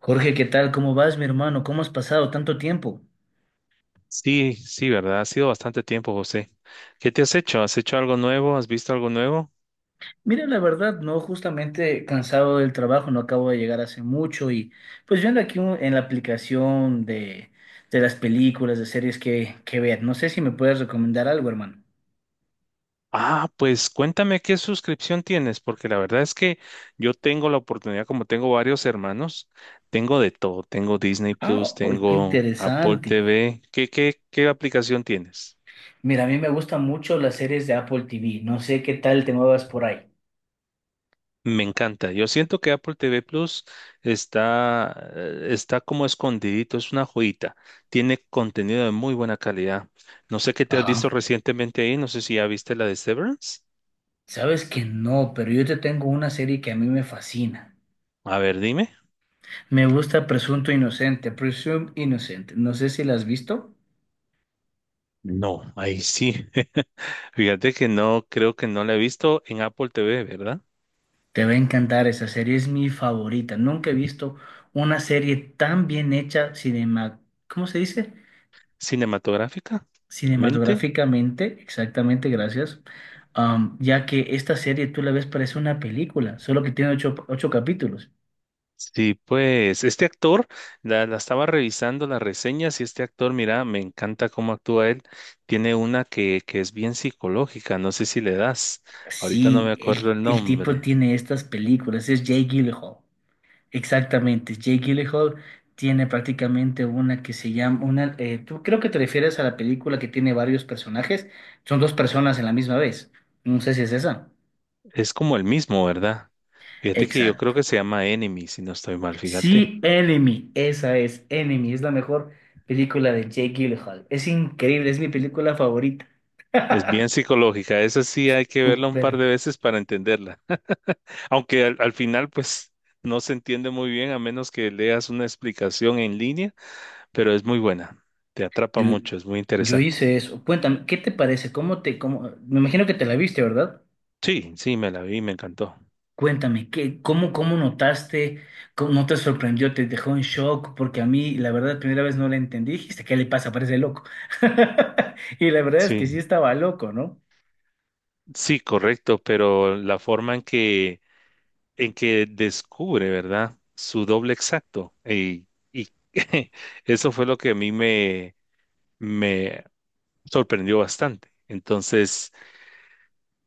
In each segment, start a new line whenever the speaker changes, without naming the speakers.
Jorge, ¿qué tal? ¿Cómo vas, mi hermano? ¿Cómo has pasado tanto tiempo?
Sí, sí, ¿verdad? Ha sido bastante tiempo, José. ¿Qué te has hecho? ¿Has hecho algo nuevo? ¿Has visto algo nuevo?
Mira, la verdad, no, justamente cansado del trabajo, no acabo de llegar hace mucho y pues viendo aquí en la aplicación de las películas, de series que ver, no sé si me puedes recomendar algo, hermano.
Ah, pues cuéntame qué suscripción tienes, porque la verdad es que yo tengo la oportunidad, como tengo varios hermanos, tengo de todo. Tengo Disney Plus,
Ah, oh, qué
tengo Apple
interesante.
TV. ¿Qué aplicación tienes?
Mira, a mí me gustan mucho las series de Apple TV, no sé qué tal te muevas por ahí.
Me encanta. Yo siento que Apple TV Plus está, está como escondidito, es una joyita. Tiene contenido de muy buena calidad. No sé qué te has visto
Ajá.
recientemente ahí, no sé si ya viste la de Severance.
Sabes que no, pero yo te tengo una serie que a mí me fascina.
A ver, dime.
Me gusta Presunto Inocente, Presume Innocent. No sé si la has visto.
No, ahí sí. Fíjate que no, creo que no la he visto en Apple TV, ¿verdad?
Te va a encantar esa serie, es mi favorita. Nunca he visto una serie tan bien hecha cinema, ¿cómo se dice?
Cinematográfica, mente.
Cinematográficamente, exactamente, gracias. Ya que esta serie tú la ves parece una película, solo que tiene ocho capítulos.
Sí, pues este actor, la estaba revisando las reseñas y este actor, mira, me encanta cómo actúa él. Tiene una que es bien psicológica, no sé si le das. Ahorita no
Sí,
me
el,
acuerdo el
el tipo
nombre.
tiene estas películas, es Jay Gyllenhaal. Exactamente, Jake Gyllenhaal tiene prácticamente una que se llama, una, tú creo que te refieres a la película que tiene varios personajes, son dos personas en la misma vez, no sé si es esa.
Es como el mismo, ¿verdad? Fíjate que yo creo
Exacto.
que se llama Enemy, si no estoy mal, fíjate.
Sí, Enemy, esa es Enemy, es la mejor película de Jake Gyllenhaal, es increíble, es mi película favorita.
Es bien psicológica, esa sí hay que verla un
Súper.
par de veces para entenderla. Aunque al final, pues, no se entiende muy bien a menos que leas una explicación en línea, pero es muy buena, te atrapa
Yo,
mucho, es muy
yo
interesante.
hice eso. Cuéntame, ¿qué te parece? ¿Cómo me imagino que te la viste, verdad?
Sí, sí, me la vi, me encantó.
Cuéntame, ¿qué, cómo notaste? ¿Cómo no te sorprendió? ¿Te dejó en shock? Porque a mí, la verdad, la primera vez no la entendí. Dijiste, ¿qué le pasa? Parece loco. Y la verdad es que sí
Sí,
estaba loco, ¿no?
sí, correcto, pero la forma en en que descubre, ¿verdad? Su doble exacto. Y eso fue lo que a mí me sorprendió bastante. Entonces,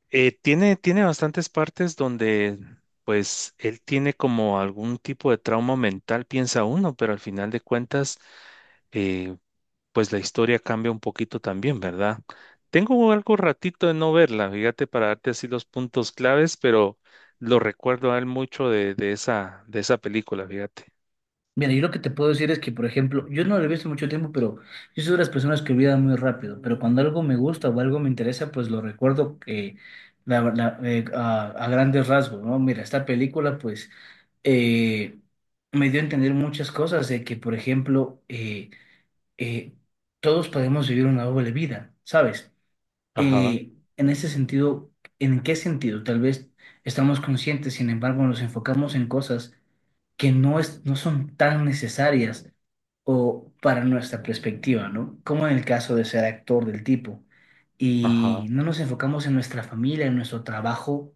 tiene bastantes partes donde, pues, él tiene como algún tipo de trauma mental, piensa uno, pero al final de cuentas, eh, pues la historia cambia un poquito también, ¿verdad? Tengo algo ratito de no verla, fíjate, para darte así los puntos claves, pero lo recuerdo a él mucho de esa película, fíjate.
Mira, yo lo que te puedo decir es que, por ejemplo, yo no lo he visto mucho tiempo, pero yo soy de las personas que olvidan muy rápido. Pero cuando algo me gusta o algo me interesa, pues lo recuerdo a grandes rasgos, ¿no? Mira, esta película, pues, eh, me dio a entender muchas cosas de que, por ejemplo, eh, todos podemos vivir una doble vida, ¿sabes?
Ajá,
En ese sentido, ¿en qué sentido? Tal vez estamos conscientes, sin embargo, nos enfocamos en cosas que no es, no son tan necesarias o para nuestra perspectiva, ¿no? Como en el caso de ser actor del tipo. Y
ajá,
no nos enfocamos en nuestra familia, en nuestro trabajo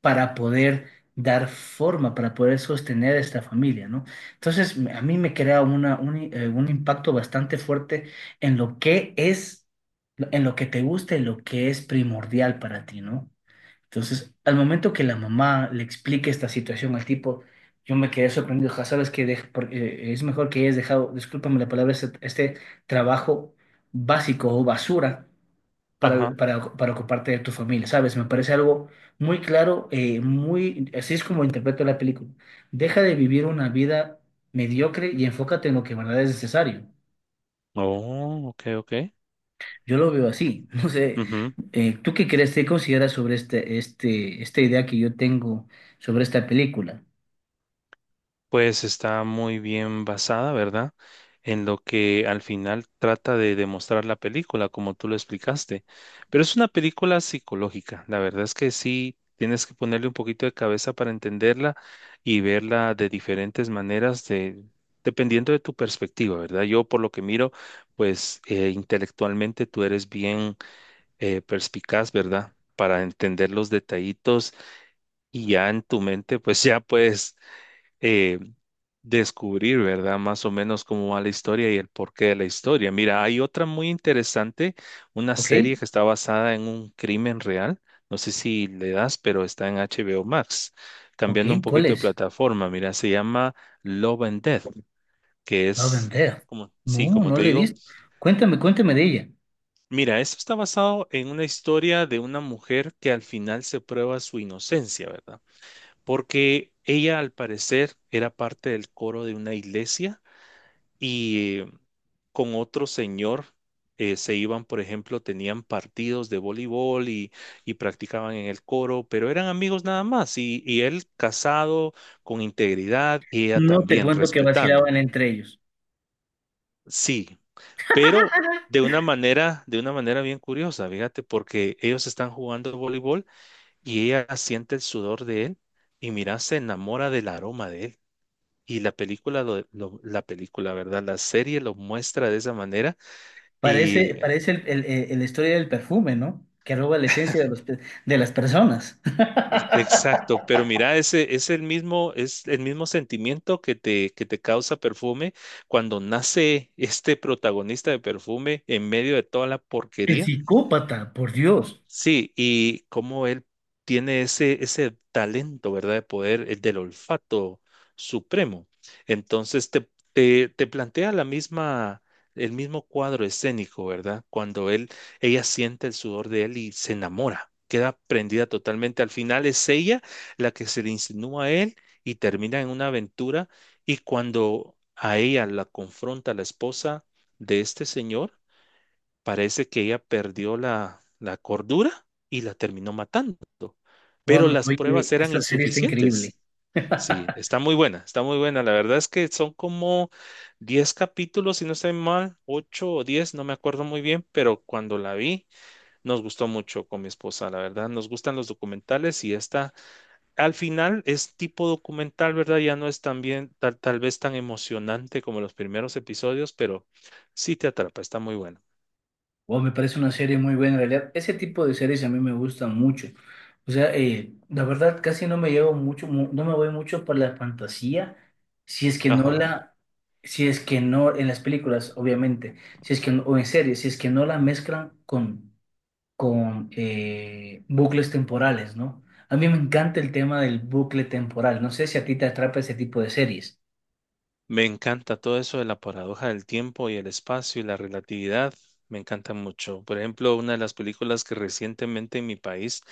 para poder dar forma, para poder sostener esta familia, ¿no? Entonces, a mí me crea un impacto bastante fuerte en lo que es, en lo que te gusta y lo que es primordial para ti, ¿no? Entonces, al momento que la mamá le explique esta situación al tipo, yo me quedé sorprendido, ja, sabes que es mejor que hayas dejado, discúlpame la palabra, este trabajo básico o basura para,
ajá.
para, para ocuparte de tu familia, ¿sabes? Me parece algo muy claro, así es como interpreto la película. Deja de vivir una vida mediocre y enfócate en lo que de verdad es necesario.
Oh, ok, ok.
Yo lo veo así. No sé, ¿tú qué crees, te consideras sobre esta idea que yo tengo sobre esta película?
Pues está muy bien basada, ¿verdad? En lo que al final trata de demostrar la película, como tú lo explicaste. Pero es una película psicológica. La verdad es que sí, tienes que ponerle un poquito de cabeza para entenderla y verla de diferentes maneras, de, dependiendo de tu perspectiva, ¿verdad? Yo por lo que miro, pues intelectualmente tú eres bien perspicaz, ¿verdad? Para entender los detallitos y ya en tu mente, pues ya puedes eh, descubrir, ¿verdad? Más o menos cómo va la historia y el porqué de la historia. Mira, hay otra muy interesante, una
¿Ok?
serie que está basada en un crimen real. No sé si le das, pero está en HBO Max.
¿Ok?
Cambiando un
¿Cuál
poquito de
es?
plataforma, mira, se llama Love and Death, que
No
es
vender.
como, sí,
No,
como
no
te
le he
digo,
visto. Cuéntame, cuéntame de ella.
mira, esto está basado en una historia de una mujer que al final se prueba su inocencia, ¿verdad? Porque ella al parecer era parte del coro de una iglesia y con otro señor, se iban, por ejemplo, tenían partidos de voleibol y practicaban en el coro, pero eran amigos nada más y él casado con integridad y ella
No te
también
cuento que vacilaban
respetando.
entre ellos.
Sí, pero de una manera bien curiosa, fíjate, porque ellos están jugando voleibol y ella siente el sudor de él y mira, se enamora del aroma de él. Y la película, la película, ¿verdad? La serie lo muestra de esa manera. Y
Parece la historia del perfume, ¿no? Que roba la esencia de las personas.
pues, exacto, pero mira, ese es el mismo sentimiento que que te causa perfume cuando nace este protagonista de perfume en medio de toda la
El
porquería.
psicópata, por Dios.
Sí, y cómo él tiene ese, ese talento, ¿verdad? De poder, el del olfato supremo. Entonces te plantea la misma, el mismo cuadro escénico, ¿verdad? Cuando él, ella siente el sudor de él y se enamora, queda prendida totalmente. Al final es ella la que se le insinúa a él y termina en una aventura. Y cuando a ella la confronta la esposa de este señor, parece que ella perdió la, la cordura y la terminó matando,
Wow,
pero las
oye,
pruebas eran
esta serie está increíble.
insuficientes. Sí, está muy buena, está muy buena. La verdad es que son como 10 capítulos, si no estoy mal, 8 o 10 no me acuerdo muy bien, pero cuando la vi nos gustó mucho con mi esposa, la verdad. Nos gustan los documentales y esta al final es tipo documental, ¿verdad? Ya no es tan bien, tal vez tan emocionante como los primeros episodios, pero sí te atrapa, está muy buena.
Wow, me parece una serie muy buena en realidad. Ese tipo de series a mí me gustan mucho. O sea, la verdad casi no me llevo mucho, no me voy mucho por la fantasía, si es que
Ajá.
si es que no en las películas, obviamente, si es que o en series, si es que no la mezclan con bucles temporales, ¿no? A mí me encanta el tema del bucle temporal. No sé si a ti te atrapa ese tipo de series.
Me encanta todo eso de la paradoja del tiempo y el espacio y la relatividad. Me encanta mucho. Por ejemplo, una de las películas que recientemente en mi país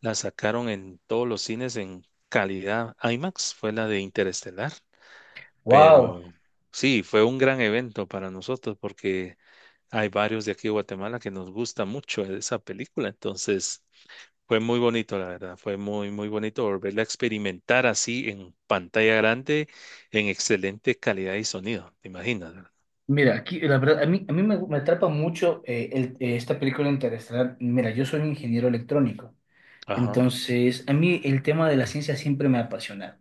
la sacaron en todos los cines en calidad IMAX fue la de Interestelar.
Wow.
Pero sí, fue un gran evento para nosotros porque hay varios de aquí de Guatemala que nos gusta mucho esa película. Entonces, fue muy bonito, la verdad, fue muy, muy bonito volverla a experimentar así en pantalla grande, en excelente calidad y sonido, te imaginas, ¿verdad?
Mira, aquí la verdad, a mí me atrapa mucho esta película interestelar. Mira, yo soy un ingeniero electrónico,
Ajá,
entonces a mí el tema de la ciencia siempre me ha apasionado.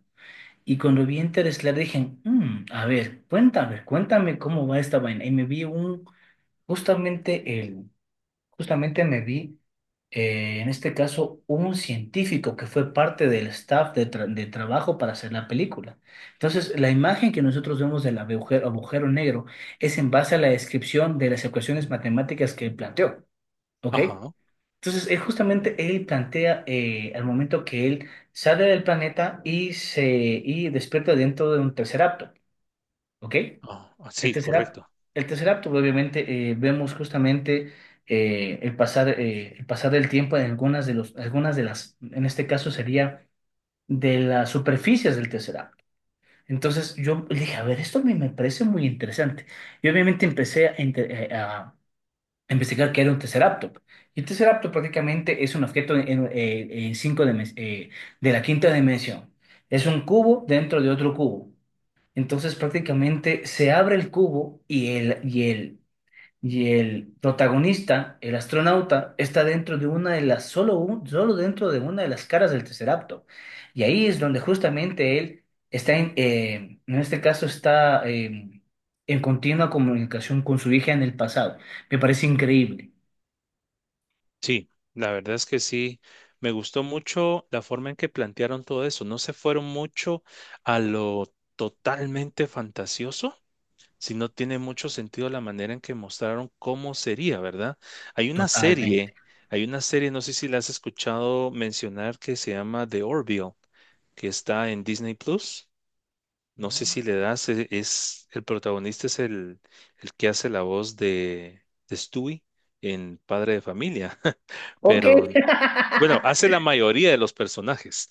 Y cuando vi Interestelar dije: A ver, cuéntame, cuéntame cómo va esta vaina". Y me vi justamente Justamente me vi, en este caso, un científico que fue parte del staff de trabajo para hacer la película. Entonces, la imagen que nosotros vemos del agujero negro es en base a la descripción de las ecuaciones matemáticas que él planteó, ¿ok?
ajá,
Entonces, él justamente él plantea al momento que él sale del planeta y despierta dentro de un tercer acto, ¿ok?
ajá, ah,
El
sí,
Tesseract,
correcto.
el Tesseract, obviamente, vemos justamente el pasar del tiempo en algunas de las, en este caso sería de las superficies del Tesseract. Entonces yo dije, a ver, esto me parece muy interesante. Y obviamente empecé a investigar qué era un Tesseractop. Y un Tesseractop prácticamente es un objeto en cinco de la quinta dimensión. Es un cubo dentro de otro cubo. Entonces prácticamente se abre el cubo y el protagonista, el astronauta, está dentro de una de las, solo, solo dentro de una de las caras del Tesseracto. Y ahí es donde justamente él está, en este caso está en continua comunicación con su hija en el pasado. Me parece increíble,
Sí, la verdad es que sí, me gustó mucho la forma en que plantearon todo eso, no se fueron mucho a lo totalmente fantasioso, si no tiene mucho sentido la manera en que mostraron cómo sería, ¿verdad? Hay una
totalmente.
serie, hay una serie, no sé si la has escuchado mencionar, que se llama The Orville, que está en Disney Plus. No
No,
sé
no
si le
le-
das, es, el protagonista es el que hace la voz de Stewie en Padre de Familia,
Ok.
pero bueno, hace la mayoría de los personajes.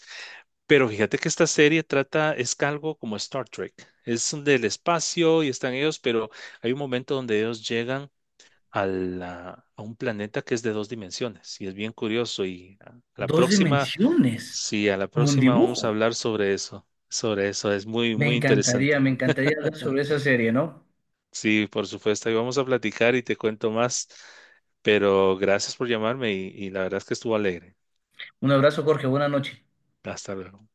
Pero fíjate que esta serie trata, es algo como Star Trek. Es un del espacio y están ellos, pero hay un momento donde ellos llegan a, a un planeta que es de dos dimensiones y es bien curioso. Y a la
Dos
próxima,
dimensiones,
sí, a la
como un
próxima vamos a
dibujo.
hablar sobre eso. Sobre eso, es muy, muy interesante.
Me encantaría hablar sobre esa serie, ¿no?
Sí, por supuesto, ahí vamos a platicar y te cuento más. Pero gracias por llamarme y la verdad es que estuvo alegre.
Un abrazo, Jorge. Buenas noches.
Hasta luego.